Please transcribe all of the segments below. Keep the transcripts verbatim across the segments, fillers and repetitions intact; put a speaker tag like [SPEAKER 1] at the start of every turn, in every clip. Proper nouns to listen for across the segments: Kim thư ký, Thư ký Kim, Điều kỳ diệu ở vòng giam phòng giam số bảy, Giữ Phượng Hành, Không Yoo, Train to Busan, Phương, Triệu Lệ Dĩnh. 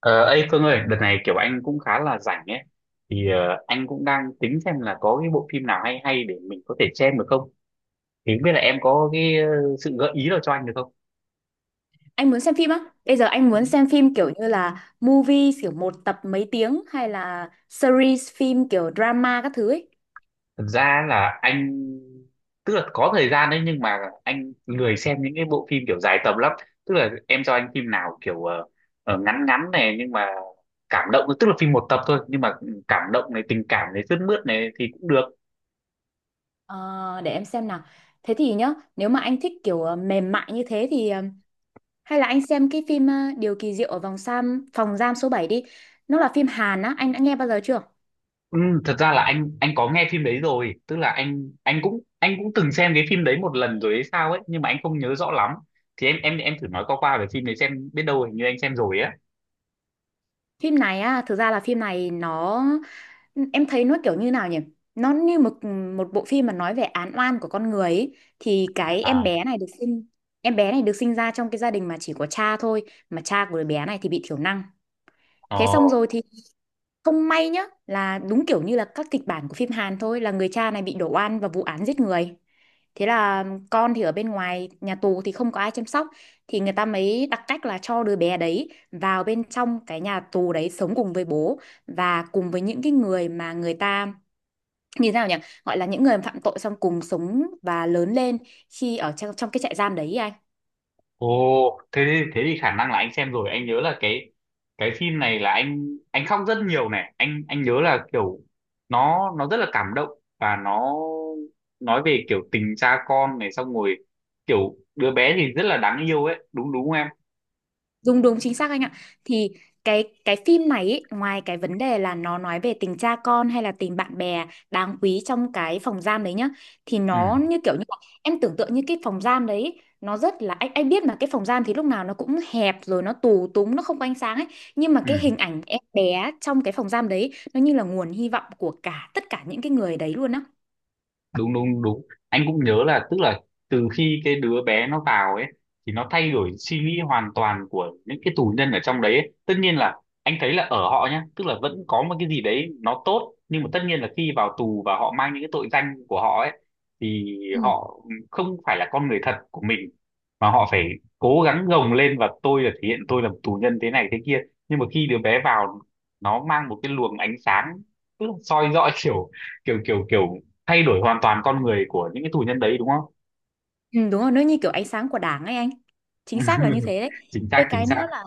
[SPEAKER 1] Ờ, Ấy, Phương ơi, đợt này kiểu anh cũng khá là rảnh ấy, thì ờ, anh cũng đang tính xem là có cái bộ phim nào hay hay để mình có thể xem được không? Thì không biết là em có cái ờ, sự gợi ý nào cho anh được không?
[SPEAKER 2] Anh muốn xem phim á? Bây giờ anh muốn xem phim kiểu như là movie kiểu một tập mấy tiếng hay là series phim kiểu drama các thứ ấy.
[SPEAKER 1] Thật ra là anh, tức là có thời gian đấy nhưng mà anh lười xem những cái bộ phim kiểu dài tầm lắm. Tức là em cho anh phim nào kiểu ờ, ờ, ngắn ngắn này nhưng mà cảm động, tức là phim một tập thôi nhưng mà ừ, cảm động này, tình cảm này, sướt mướt này thì cũng được.
[SPEAKER 2] Ờ, để em xem nào. Thế thì nhá, nếu mà anh thích kiểu ờ, mềm mại như thế thì ờ, hay là anh xem cái phim ờ, Điều kỳ diệu ở vòng giam phòng giam số bảy đi. Nó là phim Hàn á, anh đã nghe bao giờ chưa?
[SPEAKER 1] Ừ, thật ra là anh anh có nghe phim đấy rồi, tức là anh anh cũng anh cũng từng xem cái phim đấy một lần rồi hay sao ấy, nhưng mà anh không nhớ rõ lắm. Thì em em em thử nói qua qua về phim đấy xem, biết đâu hình như anh xem rồi á.
[SPEAKER 2] Phim này á, thực ra là phim này nó. Em thấy nó kiểu như nào nhỉ? Nó như một một bộ phim mà nói về án oan của con người ấy. Thì cái em
[SPEAKER 1] À.
[SPEAKER 2] bé này được sinh Em bé này được sinh ra trong cái gia đình mà chỉ có cha thôi, mà cha của đứa bé này thì bị thiểu năng. Thế xong
[SPEAKER 1] Ờ.
[SPEAKER 2] rồi thì không may nhá, là đúng kiểu như là các kịch bản của phim Hàn thôi, là người cha này bị đổ oan vào vụ án giết người. Thế là con thì ở bên ngoài nhà tù thì không có ai chăm sóc, thì người ta mới đặt cách là cho đứa bé đấy vào bên trong cái nhà tù đấy sống cùng với bố và cùng với những cái người mà người ta như thế nào nhỉ, gọi là những người phạm tội, xong cùng sống và lớn lên khi ở trong, trong cái trại giam đấy ý anh.
[SPEAKER 1] Ồ. thế thì- thế thì khả năng là anh xem rồi. Anh nhớ là cái cái phim này là anh anh khóc rất nhiều này. Anh anh nhớ là kiểu nó nó rất là cảm động và nó nói về kiểu tình cha con này, xong rồi kiểu đứa bé thì rất là đáng yêu ấy, đúng đúng không em?
[SPEAKER 2] Đúng đúng, chính xác anh ạ. Thì cái cái phim này ý, ngoài cái vấn đề là nó nói về tình cha con hay là tình bạn bè đáng quý trong cái phòng giam đấy nhá, thì
[SPEAKER 1] Ừ,
[SPEAKER 2] nó như kiểu như là, em tưởng tượng như cái phòng giam đấy ý, nó rất là, anh anh biết mà, cái phòng giam thì lúc nào nó cũng hẹp rồi, nó tù túng, nó không có ánh sáng ấy, nhưng mà
[SPEAKER 1] ừ,
[SPEAKER 2] cái hình ảnh em bé trong cái phòng giam đấy nó như là nguồn hy vọng của cả tất cả những cái người đấy luôn á.
[SPEAKER 1] đúng, đúng, đúng, anh cũng nhớ là tức là từ khi cái đứa bé nó vào ấy thì nó thay đổi suy nghĩ hoàn toàn của những cái tù nhân ở trong đấy ấy. Tất nhiên là anh thấy là ở họ nhá, tức là vẫn có một cái gì đấy nó tốt, nhưng mà tất nhiên là khi vào tù và họ mang những cái tội danh của họ ấy, thì họ không phải là con người thật của mình, mà họ phải cố gắng gồng lên và tôi là thể hiện tôi là một tù nhân thế này thế kia. Nhưng mà khi đứa bé vào, nó mang một cái luồng ánh sáng, tức là soi rõ kiểu kiểu kiểu kiểu thay đổi hoàn toàn con người của những cái tù nhân đấy, đúng không?
[SPEAKER 2] Ừ, đúng rồi, nó như kiểu ánh sáng của Đảng ấy anh. Chính xác là như thế đấy.
[SPEAKER 1] Chính
[SPEAKER 2] Cái
[SPEAKER 1] xác, chính
[SPEAKER 2] cái
[SPEAKER 1] xác.
[SPEAKER 2] nữa là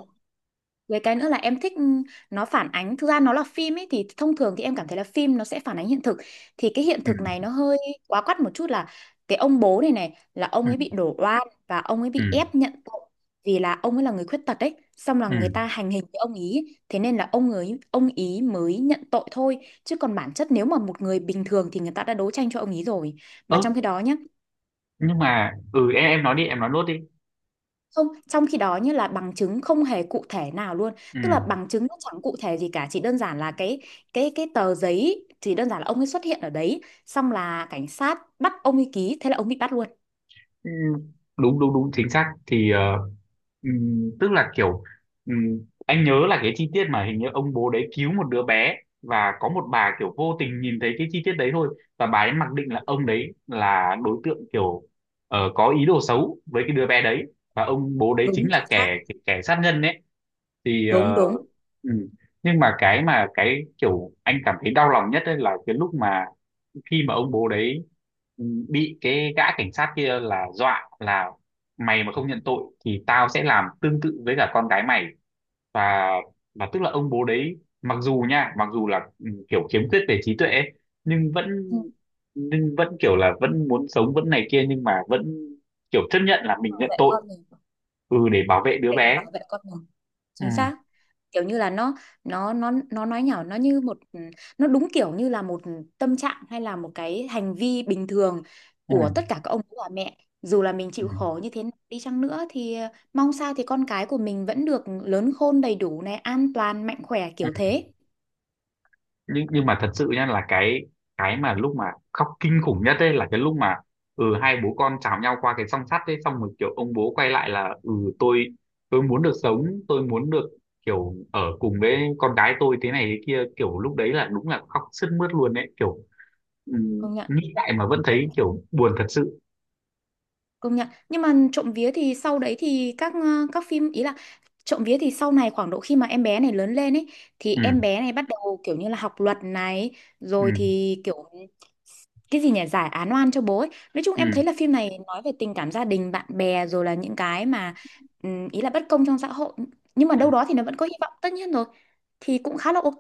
[SPEAKER 2] Với cái nữa là em thích, ừ, nó phản ánh, thực ra nó là phim ấy thì thông thường thì em cảm thấy là phim nó sẽ phản ánh hiện thực, thì cái hiện thực
[SPEAKER 1] Ừ,
[SPEAKER 2] này nó hơi quá quắt một chút, là cái ông bố này này là ông
[SPEAKER 1] ừ,
[SPEAKER 2] ấy bị đổ oan và ông ấy bị
[SPEAKER 1] ừ,
[SPEAKER 2] ép nhận tội vì là ông ấy là người khuyết tật đấy. Xong là
[SPEAKER 1] ừ.
[SPEAKER 2] người ta hành hình cái ông ý, thế nên là ông ấy ông ý mới nhận tội thôi, chứ còn bản chất nếu mà một người bình thường thì người ta đã đấu tranh cho ông ý rồi, mà
[SPEAKER 1] Ơ,
[SPEAKER 2] trong khi đó nhá.
[SPEAKER 1] nhưng mà ừ em em nói đi, em nói nốt đi.
[SPEAKER 2] Không, trong khi đó như là bằng chứng không hề cụ thể nào luôn.
[SPEAKER 1] Ừ.
[SPEAKER 2] Tức là bằng chứng nó chẳng cụ thể gì cả, chỉ đơn giản là cái cái cái tờ giấy, chỉ đơn giản là ông ấy xuất hiện ở đấy, xong là cảnh sát bắt ông ấy ký, thế là ông bị bắt luôn.
[SPEAKER 1] Ừ, đúng, đúng, đúng, chính xác. Thì ờ, ừm, tức là kiểu, ừm, anh nhớ là cái chi tiết mà hình như ông bố đấy cứu một đứa bé, và có một bà kiểu vô tình nhìn thấy cái chi tiết đấy thôi, và bà ấy mặc định là ông đấy là đối tượng kiểu ờ, có ý đồ xấu với cái đứa bé đấy, và ông bố đấy
[SPEAKER 2] Đúng
[SPEAKER 1] chính
[SPEAKER 2] chính
[SPEAKER 1] là
[SPEAKER 2] xác.
[SPEAKER 1] kẻ kẻ sát nhân ấy. Thì
[SPEAKER 2] Đúng
[SPEAKER 1] ờ,
[SPEAKER 2] đúng.
[SPEAKER 1] ừ. Nhưng mà cái, mà cái kiểu anh cảm thấy đau lòng nhất ấy là cái lúc mà, khi mà ông bố đấy ừ, bị cái gã cảnh sát kia là dọa là, mày mà không nhận tội thì tao sẽ làm tương tự với cả con gái mày. Và và tức là ông bố đấy, mặc dù nha, mặc dù là ừ, kiểu khiếm khuyết về trí tuệ ấy, nhưng vẫn,
[SPEAKER 2] Ừ.
[SPEAKER 1] nhưng vẫn kiểu là vẫn muốn sống, vẫn này kia, nhưng mà vẫn kiểu chấp nhận là mình
[SPEAKER 2] Bảo
[SPEAKER 1] nhận
[SPEAKER 2] vệ
[SPEAKER 1] tội.
[SPEAKER 2] con mình,
[SPEAKER 1] Ừ để bảo vệ đứa
[SPEAKER 2] để mà
[SPEAKER 1] bé.
[SPEAKER 2] bảo vệ con mình. Chính
[SPEAKER 1] Ừ,
[SPEAKER 2] xác. Kiểu như là, nó nó nó nó nói nhảm, nó như một, ừ, nó đúng kiểu như là một tâm trạng hay là một cái hành vi bình thường của tất
[SPEAKER 1] ừ,
[SPEAKER 2] cả các ông bà mẹ, dù là mình
[SPEAKER 1] ừ.
[SPEAKER 2] chịu khổ như thế nào đi chăng nữa thì ờ, mong sao thì con cái của mình vẫn được lớn khôn đầy đủ này, an toàn, mạnh khỏe kiểu thế.
[SPEAKER 1] Nhưng nhưng mà thật sự nha, là cái cái mà lúc mà khóc kinh khủng nhất ấy là cái lúc mà ừ hai bố con chào nhau qua cái song sắt ấy, xong rồi kiểu ông bố quay lại là ừ tôi tôi muốn được sống, tôi muốn được kiểu ở cùng với con gái tôi thế này thế kia. Kiểu lúc đấy là đúng là khóc sướt mướt luôn đấy, kiểu ừ,
[SPEAKER 2] công nhận
[SPEAKER 1] nghĩ lại mà vẫn thấy kiểu buồn thật sự.
[SPEAKER 2] Công nhận. Nhưng mà trộm vía thì sau đấy thì các ờ, các phim ý là, trộm vía thì sau này khoảng độ khi mà em bé này lớn lên ấy, thì
[SPEAKER 1] Ừ,
[SPEAKER 2] em bé này bắt đầu kiểu như là học luật này, rồi
[SPEAKER 1] ừ,
[SPEAKER 2] thì kiểu cái gì nhỉ, giải án oan cho bố ấy. Nói chung
[SPEAKER 1] ừ.
[SPEAKER 2] em thấy là phim này nói về tình cảm gia đình, bạn bè, rồi là những cái mà, ừm, ý là bất công trong xã hội, nhưng mà đâu đó thì nó vẫn có hy vọng, tất nhiên rồi. Thì cũng khá là ok.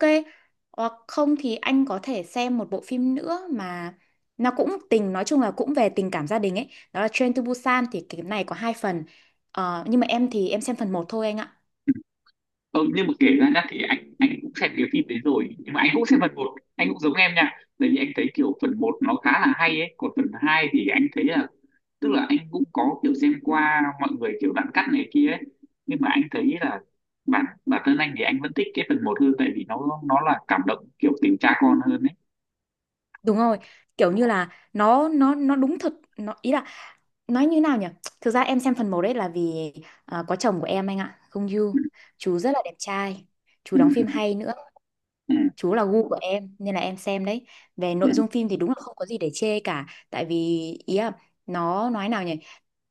[SPEAKER 2] Hoặc không thì anh có thể xem một bộ phim nữa mà nó cũng tình, nói chung là cũng về tình cảm gia đình ấy, đó là Train to Busan, thì cái này có hai phần. Ờ, nhưng mà em thì em xem phần một thôi anh ạ.
[SPEAKER 1] Ừ, nhưng mà kể ra nhá, thì anh anh cũng xem cái phim đấy rồi, nhưng mà anh cũng xem phần một, anh cũng giống em nha. Tại vì anh thấy kiểu phần một nó khá là hay ấy, còn phần hai thì anh thấy là, tức là anh cũng có kiểu xem qua mọi người, kiểu đoạn cắt này kia ấy, nhưng mà anh thấy là bản bản thân anh thì anh vẫn thích cái phần một hơn, tại vì nó nó là cảm động kiểu tình cha con hơn ấy.
[SPEAKER 2] Đúng rồi, kiểu như là nó nó nó đúng thật, nó ý là, nói như nào nhỉ, thực ra em xem phần một đấy là vì ờ, có chồng của em anh ạ, Không Yoo.
[SPEAKER 1] Ừ,
[SPEAKER 2] Chú rất là đẹp trai, chú
[SPEAKER 1] ừ,
[SPEAKER 2] đóng phim hay nữa,
[SPEAKER 1] ừ,
[SPEAKER 2] chú là gu của em nên là em xem đấy. Về
[SPEAKER 1] ừ.
[SPEAKER 2] nội
[SPEAKER 1] Ừ,
[SPEAKER 2] dung phim thì đúng là không có gì để chê cả, tại vì ý là, nó nói nào nhỉ,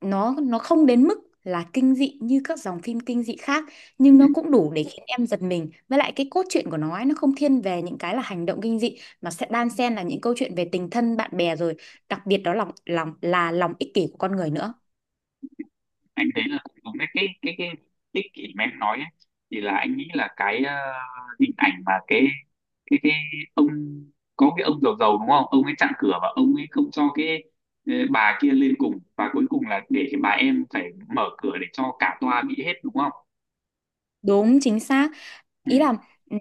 [SPEAKER 2] nó nó không đến mức là kinh dị như các dòng phim kinh dị khác,
[SPEAKER 1] ừ.
[SPEAKER 2] nhưng nó cũng đủ để khiến em giật mình. Với lại cái cốt truyện của nó ấy, nó không thiên về những cái là hành động kinh dị, mà sẽ đan xen là những câu chuyện về tình thân bạn bè, rồi đặc biệt đó là lòng lòng là lòng ích kỷ của con người nữa.
[SPEAKER 1] Anh thấy là cũng đúng đấy. Cái cái cái ích kỷ mà em nói ấy, thì là anh nghĩ là cái ờ, hình ảnh mà cái cái cái ông, có cái ông giàu giàu đúng không, ông ấy chặn cửa và ông ấy không cho cái ờ, bà kia lên cùng, và cuối cùng là để cái bà em phải mở cửa để cho cả toa bị hết đúng không?
[SPEAKER 2] Đúng chính xác.
[SPEAKER 1] Ừ,
[SPEAKER 2] Ý là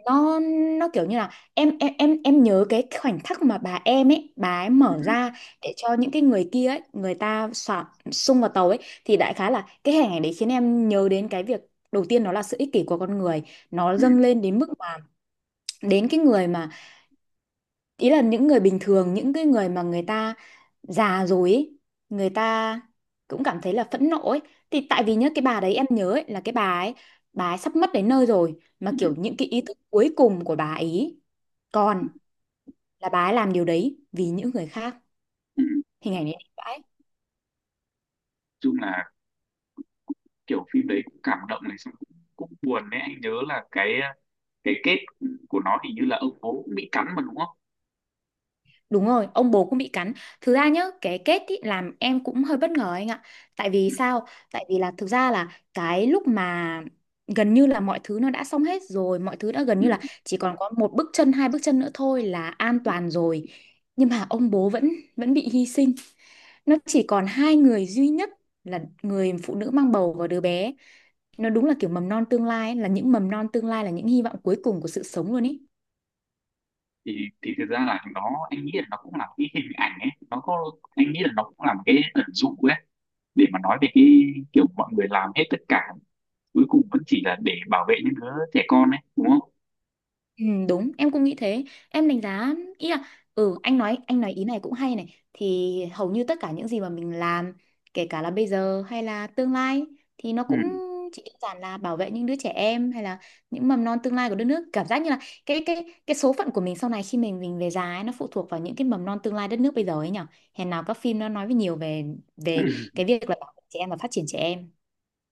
[SPEAKER 2] nó nó kiểu như là em em em em nhớ cái khoảnh khắc mà bà em ấy, bà ấy
[SPEAKER 1] ừ,
[SPEAKER 2] mở ra để cho những cái người kia ấy, người ta xả xung vào tàu ấy, thì đại khái là cái hình ảnh đấy khiến em nhớ đến cái việc đầu tiên, đó là sự ích kỷ của con người. Nó
[SPEAKER 1] ừ,
[SPEAKER 2] dâng lên đến mức mà, đến cái người mà, ý là những người bình thường, những cái người mà người ta già rồi ấy, người ta cũng cảm thấy là phẫn nộ ấy. Thì tại vì nhớ cái bà đấy em nhớ ấy, là cái bà ấy, bà ấy sắp mất đến nơi rồi,
[SPEAKER 1] ừ,
[SPEAKER 2] mà kiểu những cái ý thức cuối cùng của bà ấy còn, là bà ấy làm điều đấy vì những người khác.
[SPEAKER 1] ừ.
[SPEAKER 2] Hình ảnh đấy đẹp vãi.
[SPEAKER 1] Chung là kiểu phim đấy cũng cảm động này, xong cũng, cũng buồn đấy. Anh nhớ là cái cái kết của nó hình như là ông bố cũng bị cắn mà đúng không?
[SPEAKER 2] Đúng rồi, ông bố cũng bị cắn. Thực ra nhá, cái kết ý, làm em cũng hơi bất ngờ anh ạ. Tại vì sao? Tại vì là thực ra là cái lúc mà gần như là mọi thứ nó đã xong hết rồi, mọi thứ đã gần
[SPEAKER 1] Ừ.
[SPEAKER 2] như là chỉ còn có một bước chân, hai bước chân nữa thôi là an toàn rồi. Nhưng mà ông bố vẫn vẫn bị hy sinh. Nó chỉ còn hai người duy nhất, là người phụ nữ mang bầu và đứa bé. Nó đúng là kiểu mầm non tương lai ấy, là những mầm non tương lai, là những hy vọng cuối cùng của sự sống luôn ý.
[SPEAKER 1] thì thì thực ra là nó, anh nghĩ là nó cũng là một cái hình ảnh ấy, nó có, anh nghĩ là nó cũng là một cái ẩn dụ ấy, để mà nói về cái kiểu mọi người làm hết tất cả, cuối cùng vẫn chỉ là để bảo vệ những đứa trẻ con ấy đúng không?
[SPEAKER 2] Ừ, đúng, em cũng nghĩ thế, em đánh giá ý là, ừ anh nói, anh nói ý này cũng hay này. Thì hầu như tất cả những gì mà mình làm, kể cả là bây giờ hay là tương lai, thì nó
[SPEAKER 1] Ừ.
[SPEAKER 2] cũng chỉ đơn giản là bảo vệ những đứa trẻ em, hay là những mầm non tương lai của đất nước. Cảm giác như là cái cái cái số phận của mình sau này khi mình mình về già ấy, nó phụ thuộc vào những cái mầm non tương lai đất nước bây giờ ấy nhở. Hèn nào các phim nó nói với nhiều về về cái việc là bảo vệ trẻ em và phát triển trẻ em.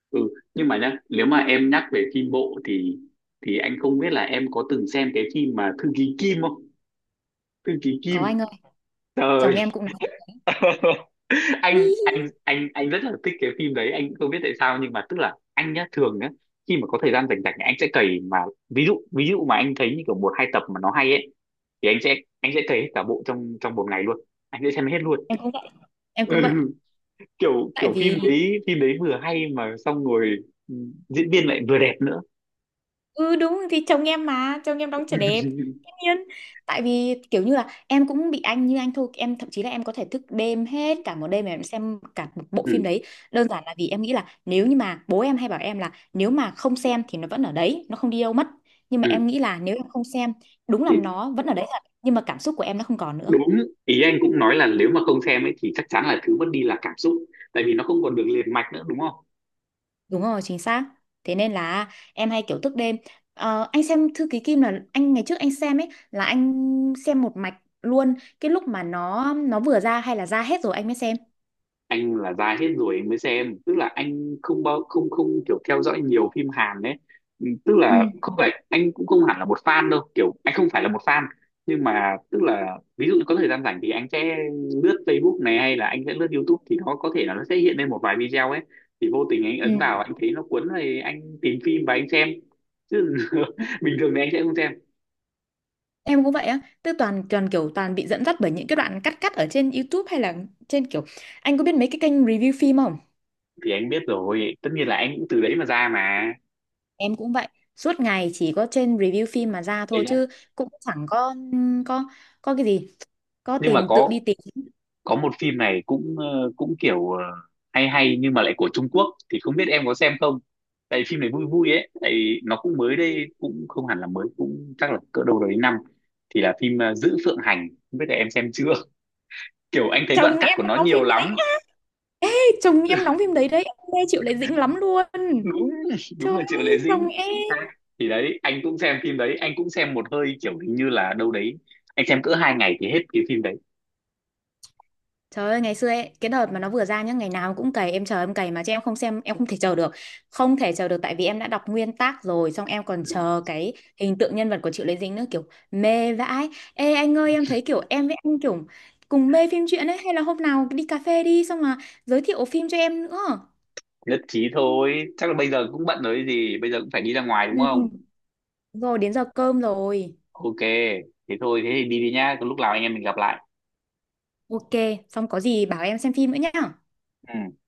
[SPEAKER 1] Ừ, nhưng mà nhá, nếu mà em nhắc về phim bộ thì, thì anh không biết là em có từng xem cái phim mà Thư ký Kim không? Thư ký Kim.
[SPEAKER 2] Có anh ơi, chồng
[SPEAKER 1] Trời.
[SPEAKER 2] em cũng nói.
[SPEAKER 1] anh anh anh anh rất là thích cái phim đấy, anh không biết tại sao, nhưng mà tức là anh nhá, thường nhá, khi mà có thời gian rảnh rảnh anh sẽ cày mà. Ví dụ ví dụ mà anh thấy như kiểu một hai tập mà nó hay ấy, thì anh sẽ anh sẽ cày hết cả bộ trong trong một ngày luôn, anh sẽ xem hết luôn.
[SPEAKER 2] em cũng vậy, em
[SPEAKER 1] Ừ,
[SPEAKER 2] cũng vậy.
[SPEAKER 1] kiểu
[SPEAKER 2] Tại
[SPEAKER 1] kiểu phim
[SPEAKER 2] vì,
[SPEAKER 1] đấy phim đấy vừa hay mà, xong rồi ừ, diễn viên lại vừa đẹp nữa.
[SPEAKER 2] ừ đúng, thì chồng em mà chồng em đóng trở đẹp, tất nhiên. Tại vì kiểu như là em cũng bị anh như anh thôi, em thậm chí là em có thể thức đêm hết cả một đêm mà em xem cả một bộ phim
[SPEAKER 1] Ừ,
[SPEAKER 2] đấy, đơn giản là vì em nghĩ là, nếu như mà bố em hay bảo em là, nếu mà không xem thì nó vẫn ở đấy, nó không đi đâu mất. Nhưng mà
[SPEAKER 1] ừ.
[SPEAKER 2] em nghĩ là, nếu em không xem, đúng là
[SPEAKER 1] Thì
[SPEAKER 2] nó vẫn ở đấy thật, nhưng mà cảm xúc của em nó không còn nữa.
[SPEAKER 1] đúng, ý anh cũng nói là nếu mà không xem ấy thì chắc chắn là thứ mất đi là cảm xúc, tại vì nó không còn được liền mạch nữa đúng không?
[SPEAKER 2] Đúng rồi, chính xác. Thế nên là em hay kiểu thức đêm. Ờ, anh xem Thư ký Kim là anh ngày trước anh xem ấy, là anh xem một mạch luôn, cái lúc mà nó nó vừa ra, hay là ra hết rồi anh mới xem.
[SPEAKER 1] Anh là dài hết rồi anh mới xem, tức là anh không bao không không kiểu theo dõi nhiều phim Hàn đấy. Ừ, tức
[SPEAKER 2] Ừ,
[SPEAKER 1] là không phải, anh cũng không hẳn là một fan đâu, kiểu anh không phải là một fan. Nhưng mà tức là ví dụ có thời gian rảnh thì anh sẽ lướt Facebook này, hay là anh sẽ lướt YouTube, thì nó có thể là nó sẽ hiện lên một vài video ấy, thì vô tình anh ấn vào,
[SPEAKER 2] ừ.
[SPEAKER 1] anh thấy nó cuốn thì anh tìm phim và anh xem. Chứ
[SPEAKER 2] Ừ.
[SPEAKER 1] bình thường thì anh sẽ không xem.
[SPEAKER 2] Em cũng vậy á, tức toàn, toàn kiểu toàn bị dẫn dắt bởi những cái đoạn cắt cắt ở trên YouTube, hay là trên kiểu, anh có biết mấy cái kênh review phim không?
[SPEAKER 1] Thì anh biết rồi, tất nhiên là anh cũng từ đấy mà ra mà.
[SPEAKER 2] Em cũng vậy, suốt ngày chỉ có trên review phim mà ra
[SPEAKER 1] Thế
[SPEAKER 2] thôi,
[SPEAKER 1] nhá,
[SPEAKER 2] chứ cũng chẳng có có có cái gì, có
[SPEAKER 1] nhưng mà
[SPEAKER 2] tìm tự
[SPEAKER 1] có
[SPEAKER 2] đi tìm.
[SPEAKER 1] có một phim này cũng ờ, cũng kiểu ờ, hay hay, nhưng mà lại của Trung Quốc, thì không biết em có xem không. Tại vì phim này vui vui ấy, tại vì nó cũng mới đây, cũng không hẳn là mới, cũng chắc là cỡ đâu đấy năm. Thì là phim ờ, Giữ Phượng Hành, không biết là em xem chưa. Kiểu anh thấy đoạn
[SPEAKER 2] Chồng
[SPEAKER 1] cắt
[SPEAKER 2] em
[SPEAKER 1] của nó
[SPEAKER 2] đóng
[SPEAKER 1] nhiều
[SPEAKER 2] phim đấy.
[SPEAKER 1] lắm.
[SPEAKER 2] Chồng em đóng phim đấy đấy, em nghe chịu lại dĩnh lắm luôn.
[SPEAKER 1] Đúng, đúng
[SPEAKER 2] Trời
[SPEAKER 1] là Triệu Lệ
[SPEAKER 2] ơi, chồng
[SPEAKER 1] Dĩnh.
[SPEAKER 2] em.
[SPEAKER 1] Thì đấy, anh cũng xem phim đấy, anh cũng xem một hơi, kiểu hình như là đâu đấy anh xem cỡ hai ngày thì hết cái phim đấy.
[SPEAKER 2] Trời ơi, ngày xưa ấy, cái đợt mà nó vừa ra nhá, ngày nào cũng cày, em chờ em cày mà, chứ em không xem, em không thể chờ được. Không thể chờ được, tại vì em đã đọc nguyên tác rồi, xong em còn chờ cái hình tượng nhân vật của Triệu Lệ Dĩnh nữa, kiểu mê vãi. Ê anh ơi, em thấy kiểu em với anh kiểu cùng mê phim truyện ấy, hay là hôm nào đi cà phê đi, xong mà giới thiệu phim cho em nữa.
[SPEAKER 1] Nhất trí thôi, chắc là bây giờ cũng bận rồi gì, bây giờ cũng phải đi ra ngoài đúng
[SPEAKER 2] Ừ.
[SPEAKER 1] không?
[SPEAKER 2] Rồi, đến giờ cơm rồi.
[SPEAKER 1] OK. Thế thôi, thế thì đi đi nhá, lúc nào anh em mình gặp lại.
[SPEAKER 2] Ok, xong có gì bảo em xem phim nữa nhá.
[SPEAKER 1] Ừ.